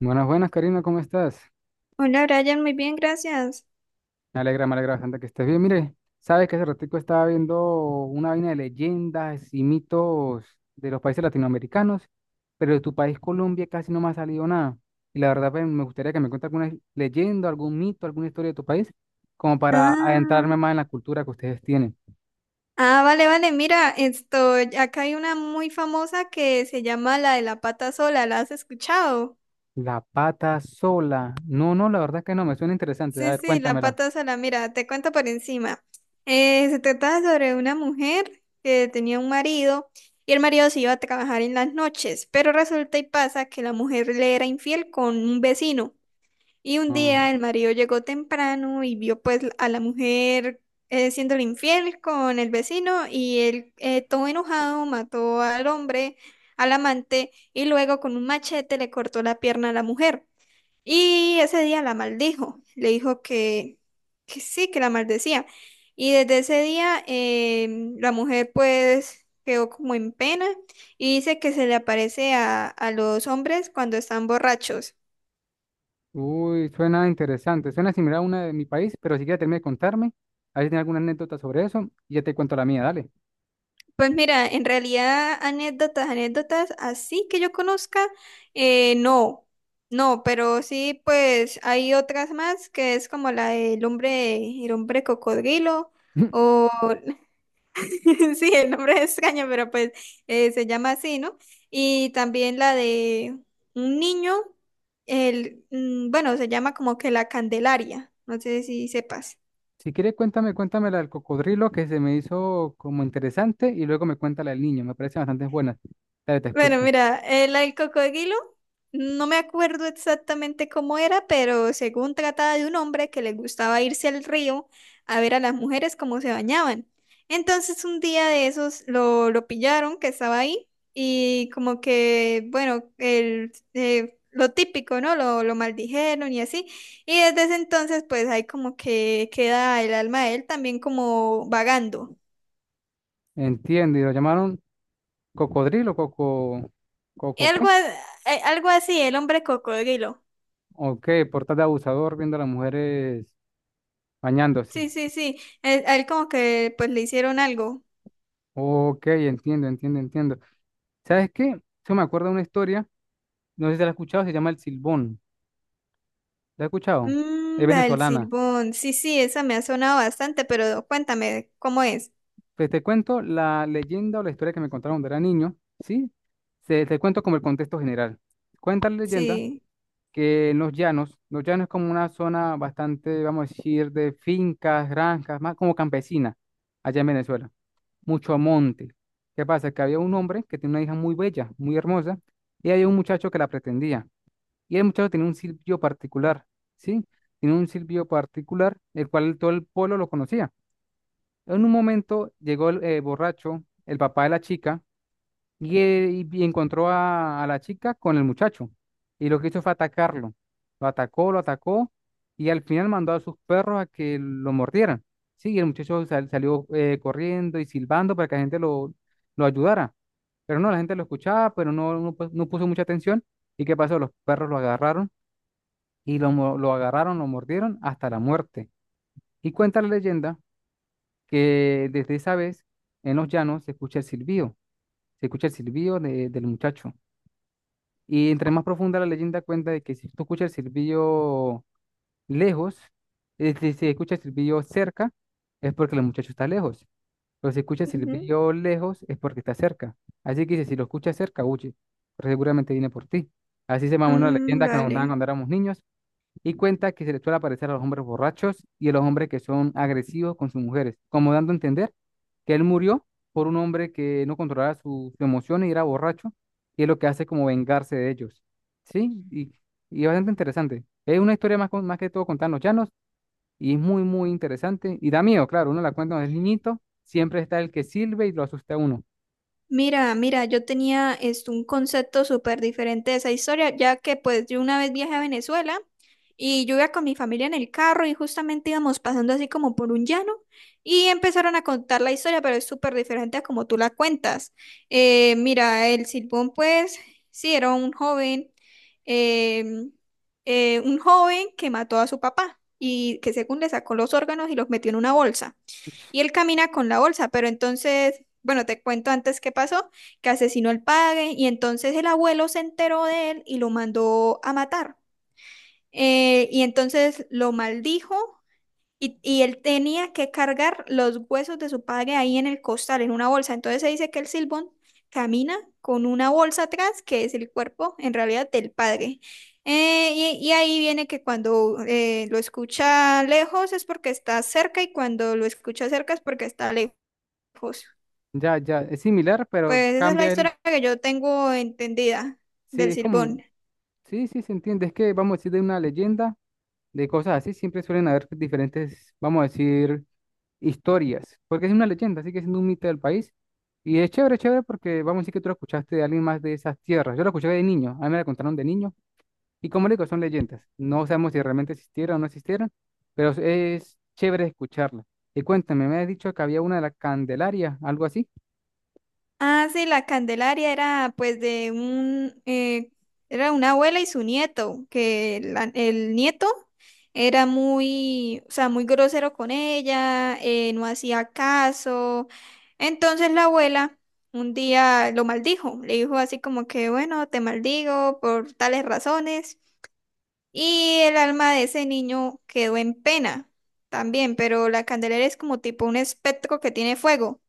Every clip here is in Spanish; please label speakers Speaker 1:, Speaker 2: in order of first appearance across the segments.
Speaker 1: Buenas, buenas, Karina, ¿cómo estás?
Speaker 2: Hola Brian, muy bien, gracias.
Speaker 1: Me alegra bastante que estés bien. Mire, sabes que hace ratico estaba viendo una vaina de leyendas y mitos de los países latinoamericanos, pero de tu país, Colombia, casi no me ha salido nada. Y la verdad, pues, me gustaría que me cuentes alguna leyenda, algún mito, alguna historia de tu país, como para
Speaker 2: Ah,
Speaker 1: adentrarme más en la cultura que ustedes tienen.
Speaker 2: vale, vale, mira, esto, acá hay una muy famosa que se llama la de la pata sola, ¿la has escuchado?
Speaker 1: La pata sola. No, no, la verdad es que no, me suena interesante. A
Speaker 2: Sí,
Speaker 1: ver,
Speaker 2: sí, la
Speaker 1: cuéntamela.
Speaker 2: pata sola, mira, te cuento por encima. Se trataba sobre una mujer que tenía un marido y el marido se iba a trabajar en las noches, pero resulta y pasa que la mujer le era infiel con un vecino. Y un
Speaker 1: Ah.
Speaker 2: día el marido llegó temprano y vio pues a la mujer siéndole infiel con el vecino y él todo enojado mató al hombre, al amante y luego con un machete le cortó la pierna a la mujer. Y ese día la maldijo, le dijo que sí, que la maldecía. Y desde ese día la mujer pues quedó como en pena y dice que se le aparece a los hombres cuando están borrachos.
Speaker 1: Uy, suena interesante. Suena similar a una de mi país, pero si quieres terminar de contarme, a ver si tiene alguna anécdota sobre eso y ya te cuento la mía, dale.
Speaker 2: Pues mira, en realidad anécdotas, anécdotas así que yo conozca, eh, no, no, pero sí, pues hay otras más que es como la del hombre, el hombre cocodrilo, o sí, el nombre es extraño, pero pues se llama así, ¿no? Y también la de un niño, bueno, se llama como que la Candelaria, no sé si sepas.
Speaker 1: Si quieres, cuéntame, cuéntame la del cocodrilo que se me hizo como interesante y luego me cuenta la del niño. Me parece bastante buena. Dale, te
Speaker 2: Bueno,
Speaker 1: escucho.
Speaker 2: mira, el cocodrilo, no me acuerdo exactamente cómo era, pero según trataba de un hombre que le gustaba irse al río a ver a las mujeres cómo se bañaban. Entonces un día de esos lo pillaron que estaba ahí y como que, bueno, lo típico, ¿no? Lo maldijeron y así. Y desde ese entonces pues ahí como que queda el alma de él también como vagando.
Speaker 1: Entiendo, y lo llamaron cocodrilo, coco, coco, ¿qué?
Speaker 2: Algo, a- Algo así, el hombre cocodrilo.
Speaker 1: Ok, por tal de abusador viendo a las mujeres
Speaker 2: Sí,
Speaker 1: bañándose.
Speaker 2: sí, sí. Él, a él como que pues le hicieron algo.
Speaker 1: Ok, entiendo, entiendo, entiendo. ¿Sabes qué? Yo me acuerdo de una historia, no sé si la has escuchado, se llama El Silbón. ¿La he escuchado? Es
Speaker 2: Mm, la del
Speaker 1: venezolana.
Speaker 2: silbón. Sí, sí, esa me ha sonado bastante, pero cuéntame cómo es.
Speaker 1: Pues te cuento la leyenda o la historia que me contaron cuando era niño, ¿sí? Se, te cuento como el contexto general. Cuenta la leyenda
Speaker 2: Sí.
Speaker 1: que en los llanos es como una zona bastante, vamos a decir, de fincas, granjas, más como campesina, allá en Venezuela. Mucho monte. ¿Qué pasa? Que había un hombre que tenía una hija muy bella, muy hermosa, y había un muchacho que la pretendía. Y el muchacho tenía un silbido particular, ¿sí? Tenía un silbido particular, el cual todo el pueblo lo conocía. En un momento llegó el borracho, el papá de la chica, y encontró a la chica con el muchacho. Y lo que hizo fue atacarlo. Lo atacó, y al final mandó a sus perros a que lo mordieran. Sí, y el muchacho salió corriendo y silbando para que la gente lo ayudara. Pero no, la gente lo escuchaba, pero no, no, no puso mucha atención. ¿Y qué pasó? Los perros lo agarraron y lo, lo agarraron, lo mordieron hasta la muerte. Y cuenta la leyenda que desde esa vez en los llanos se escucha el silbido, se escucha el silbido del muchacho. Y entre más profunda la leyenda cuenta de que si tú escuchas el silbido lejos, es decir, si se escucha el silbido cerca, es porque el muchacho está lejos. Pero si escucha el
Speaker 2: Ujú.
Speaker 1: silbido lejos, es porque está cerca. Así que dice, si lo escuchas cerca, huye, pero seguramente viene por ti. Así se mamó una
Speaker 2: Mm,
Speaker 1: leyenda que nos contaban
Speaker 2: vale.
Speaker 1: cuando éramos niños y cuenta que se le suele aparecer a los hombres borrachos y a los hombres que son agresivos con sus mujeres, como dando a entender que él murió por un hombre que no controlaba sus emociones y era borracho, y es lo que hace como vengarse de ellos. ¿Sí? Y bastante interesante. Es una historia más, más que todo contar en los llanos y es muy, muy interesante. Y da miedo, claro, uno la cuenta cuando es niñito, siempre está el que sirve y lo asusta a uno.
Speaker 2: Mira, mira, yo tenía esto, un concepto súper diferente de esa historia, ya que pues yo una vez viajé a Venezuela y yo iba con mi familia en el carro y justamente íbamos pasando así como por un llano y empezaron a contar la historia, pero es súper diferente a como tú la cuentas. Mira, el Silbón pues sí era un joven, em, un joven que mató a su papá y que según le sacó los órganos y los metió en una bolsa. Y él camina con la bolsa, pero entonces, bueno, te cuento antes qué pasó, que asesinó al padre y entonces el abuelo se enteró de él y lo mandó a matar. Y entonces lo maldijo y él tenía que cargar los huesos de su padre ahí en el costal, en una bolsa. Entonces se dice que el Silbón camina con una bolsa atrás, que es el cuerpo en realidad del padre. Eh, y ahí viene que cuando lo escucha lejos es porque está cerca y cuando lo escucha cerca es porque está lejos. Pues,
Speaker 1: Ya, ya, es similar, pero
Speaker 2: pues esa es la
Speaker 1: cambia el...
Speaker 2: historia que yo tengo entendida
Speaker 1: Sí,
Speaker 2: del
Speaker 1: es como...
Speaker 2: Silbón.
Speaker 1: Sí, sí, se entiende. Es que vamos a decir de una leyenda de cosas así, siempre suelen haber diferentes, vamos a decir, historias, porque es una leyenda, sigue siendo un mito del país. Y es chévere, chévere, porque vamos a decir que tú lo escuchaste de alguien más de esas tierras. Yo lo escuché de niño, a mí me la contaron de niño. Y como le digo, son leyendas. No sabemos si realmente existieron o no existieron, pero es chévere escucharla. Y cuéntame, me has dicho que había una de la Candelaria, algo así.
Speaker 2: Ah, sí, la Candelaria era pues era una abuela y su nieto, que el nieto era muy, o sea, muy grosero con ella, no hacía caso. Entonces la abuela un día lo maldijo, le dijo así como que, bueno, te maldigo por tales razones. Y el alma de ese niño quedó en pena también, pero la candelera es como tipo un espectro que tiene fuego.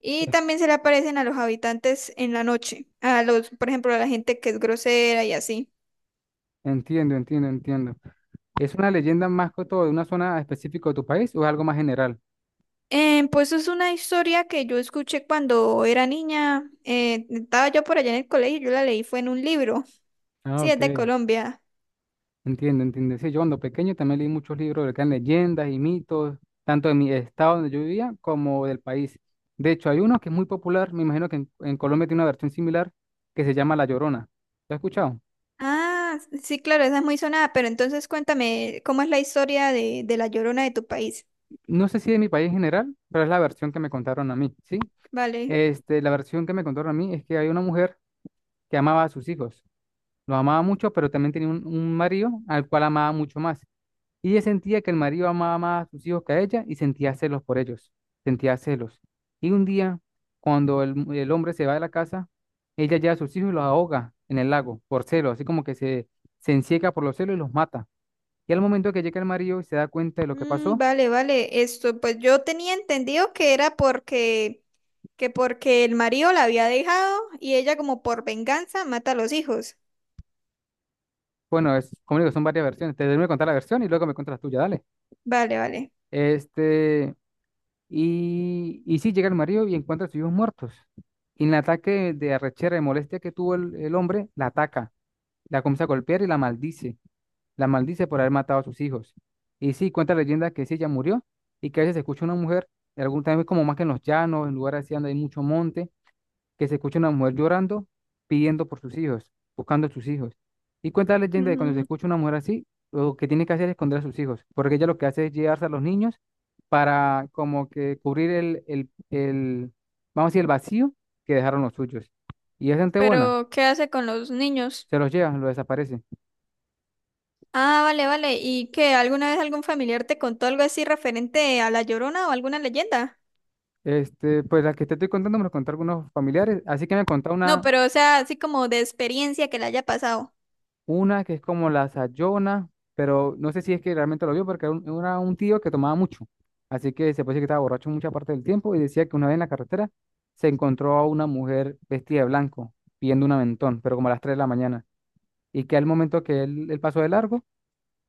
Speaker 2: Y también se le aparecen a los habitantes en la noche, a los, por ejemplo, a la gente que es grosera y así.
Speaker 1: Entiendo, entiendo, entiendo. ¿Es una leyenda más que todo de una zona específica de tu país o es algo más general?
Speaker 2: Pues es una historia que yo escuché cuando era niña. Estaba yo por allá en el colegio, yo la leí, fue en un libro.
Speaker 1: Ah,
Speaker 2: Sí, es de
Speaker 1: ok.
Speaker 2: Colombia.
Speaker 1: Entiendo, entiendo. Sí, yo cuando pequeño también leí muchos libros de que eran leyendas y mitos, tanto de mi estado donde yo vivía como del país. De hecho, hay uno que es muy popular, me imagino que en Colombia tiene una versión similar, que se llama La Llorona. ¿Lo has escuchado?
Speaker 2: Ah, sí, claro, esa es muy sonada, pero entonces cuéntame, ¿cómo es la historia de la Llorona de tu país?
Speaker 1: No sé si de mi país en general, pero es la versión que me contaron a mí, ¿sí?
Speaker 2: Vale.
Speaker 1: Este, la versión que me contaron a mí es que hay una mujer que amaba a sus hijos. Los amaba mucho, pero también tenía un marido al cual amaba mucho más. Y ella sentía que el marido amaba más a sus hijos que a ella y sentía celos por ellos, sentía celos. Y un día, cuando el, el hombre se va de la casa, ella lleva a sus hijos y los ahoga en el lago por celos, así como que se encieca por los celos y los mata. Y al momento que llega el marido y se da cuenta de lo que
Speaker 2: Mm,
Speaker 1: pasó,
Speaker 2: vale, vale. Esto, pues yo tenía entendido que era porque, que porque el marido la había dejado y ella como por venganza mata a los hijos.
Speaker 1: bueno, es, como digo, son varias versiones. Te debo contar la versión y luego me cuentas la tuya, dale.
Speaker 2: Vale, vale.
Speaker 1: Este, y sí, llega el marido y encuentra a sus hijos muertos. Y en el ataque de arrechera y molestia que tuvo el hombre, la ataca. La comienza a golpear y la maldice. La maldice por haber matado a sus hijos. Y sí, cuenta la leyenda que sí, ella murió y que a veces se escucha una mujer, en algún también como más que en los llanos, en lugares así donde hay mucho monte, que se escucha una mujer llorando, pidiendo por sus hijos, buscando a sus hijos. Y cuenta la leyenda de cuando se
Speaker 2: Ujú.
Speaker 1: escucha una mujer así, lo que tiene que hacer es esconder a sus hijos, porque ella lo que hace es llevarse a los niños para como que cubrir vamos a decir, el vacío que dejaron los suyos. Y es gente buena,
Speaker 2: Pero, ¿qué hace con los niños?
Speaker 1: se los lleva, los desaparece.
Speaker 2: Ah, vale, vale. ¿Y qué? ¿Alguna vez algún familiar te contó algo así referente a la Llorona o alguna leyenda?
Speaker 1: Este, pues la que te estoy contando me lo contaron algunos familiares, así que me contó
Speaker 2: No, pero, o sea, así como de experiencia que le haya pasado.
Speaker 1: una que es como la Sayona, pero no sé si es que realmente lo vio porque era un tío que tomaba mucho, así que se puede decir que estaba borracho mucha parte del tiempo y decía que una vez en la carretera se encontró a una mujer vestida de blanco pidiendo un aventón, pero como a las 3 de la mañana, y que al momento que él pasó de largo,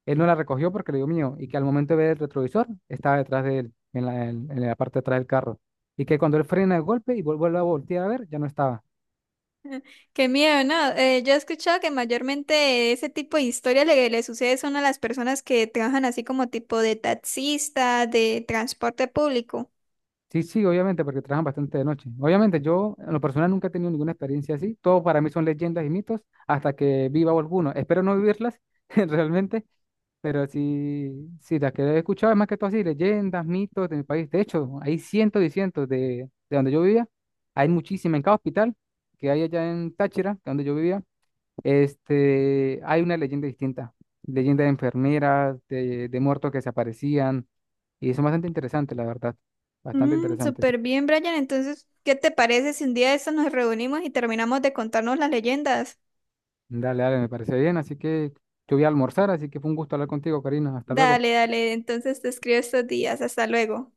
Speaker 1: él no la recogió porque le dio miedo, y que al momento de ver el retrovisor estaba detrás de él, en la, en la parte de atrás del carro, y que cuando él frena de golpe y vuelve a voltear a ver, ya no estaba.
Speaker 2: Qué miedo, ¿no? Yo he escuchado que mayormente ese tipo de historias le sucede son a las personas que trabajan así como tipo de taxista, de transporte público.
Speaker 1: Sí, sí, obviamente, porque trabajan bastante de noche. Obviamente, yo en lo personal nunca he tenido ninguna experiencia así. Todo para mí son leyendas y mitos hasta que viva alguno. Espero no vivirlas realmente, pero sí, sí, las que he escuchado es más que todo así, leyendas, mitos de mi país. De hecho, hay cientos y cientos de donde yo vivía. Hay muchísimas. En cada hospital que hay allá en Táchira, donde yo vivía, este, hay una leyenda distinta. Leyenda de enfermeras, de muertos que se aparecían. Y son bastante interesantes, la verdad. Bastante
Speaker 2: Mm,
Speaker 1: interesantes.
Speaker 2: súper bien, Brian. Entonces, ¿qué te parece si un día de estos nos reunimos y terminamos de contarnos las leyendas?
Speaker 1: Dale, dale, me parece bien. Así que yo voy a almorzar, así que fue un gusto hablar contigo, Karina. Hasta luego.
Speaker 2: Dale, dale. Entonces te escribo estos días. Hasta luego.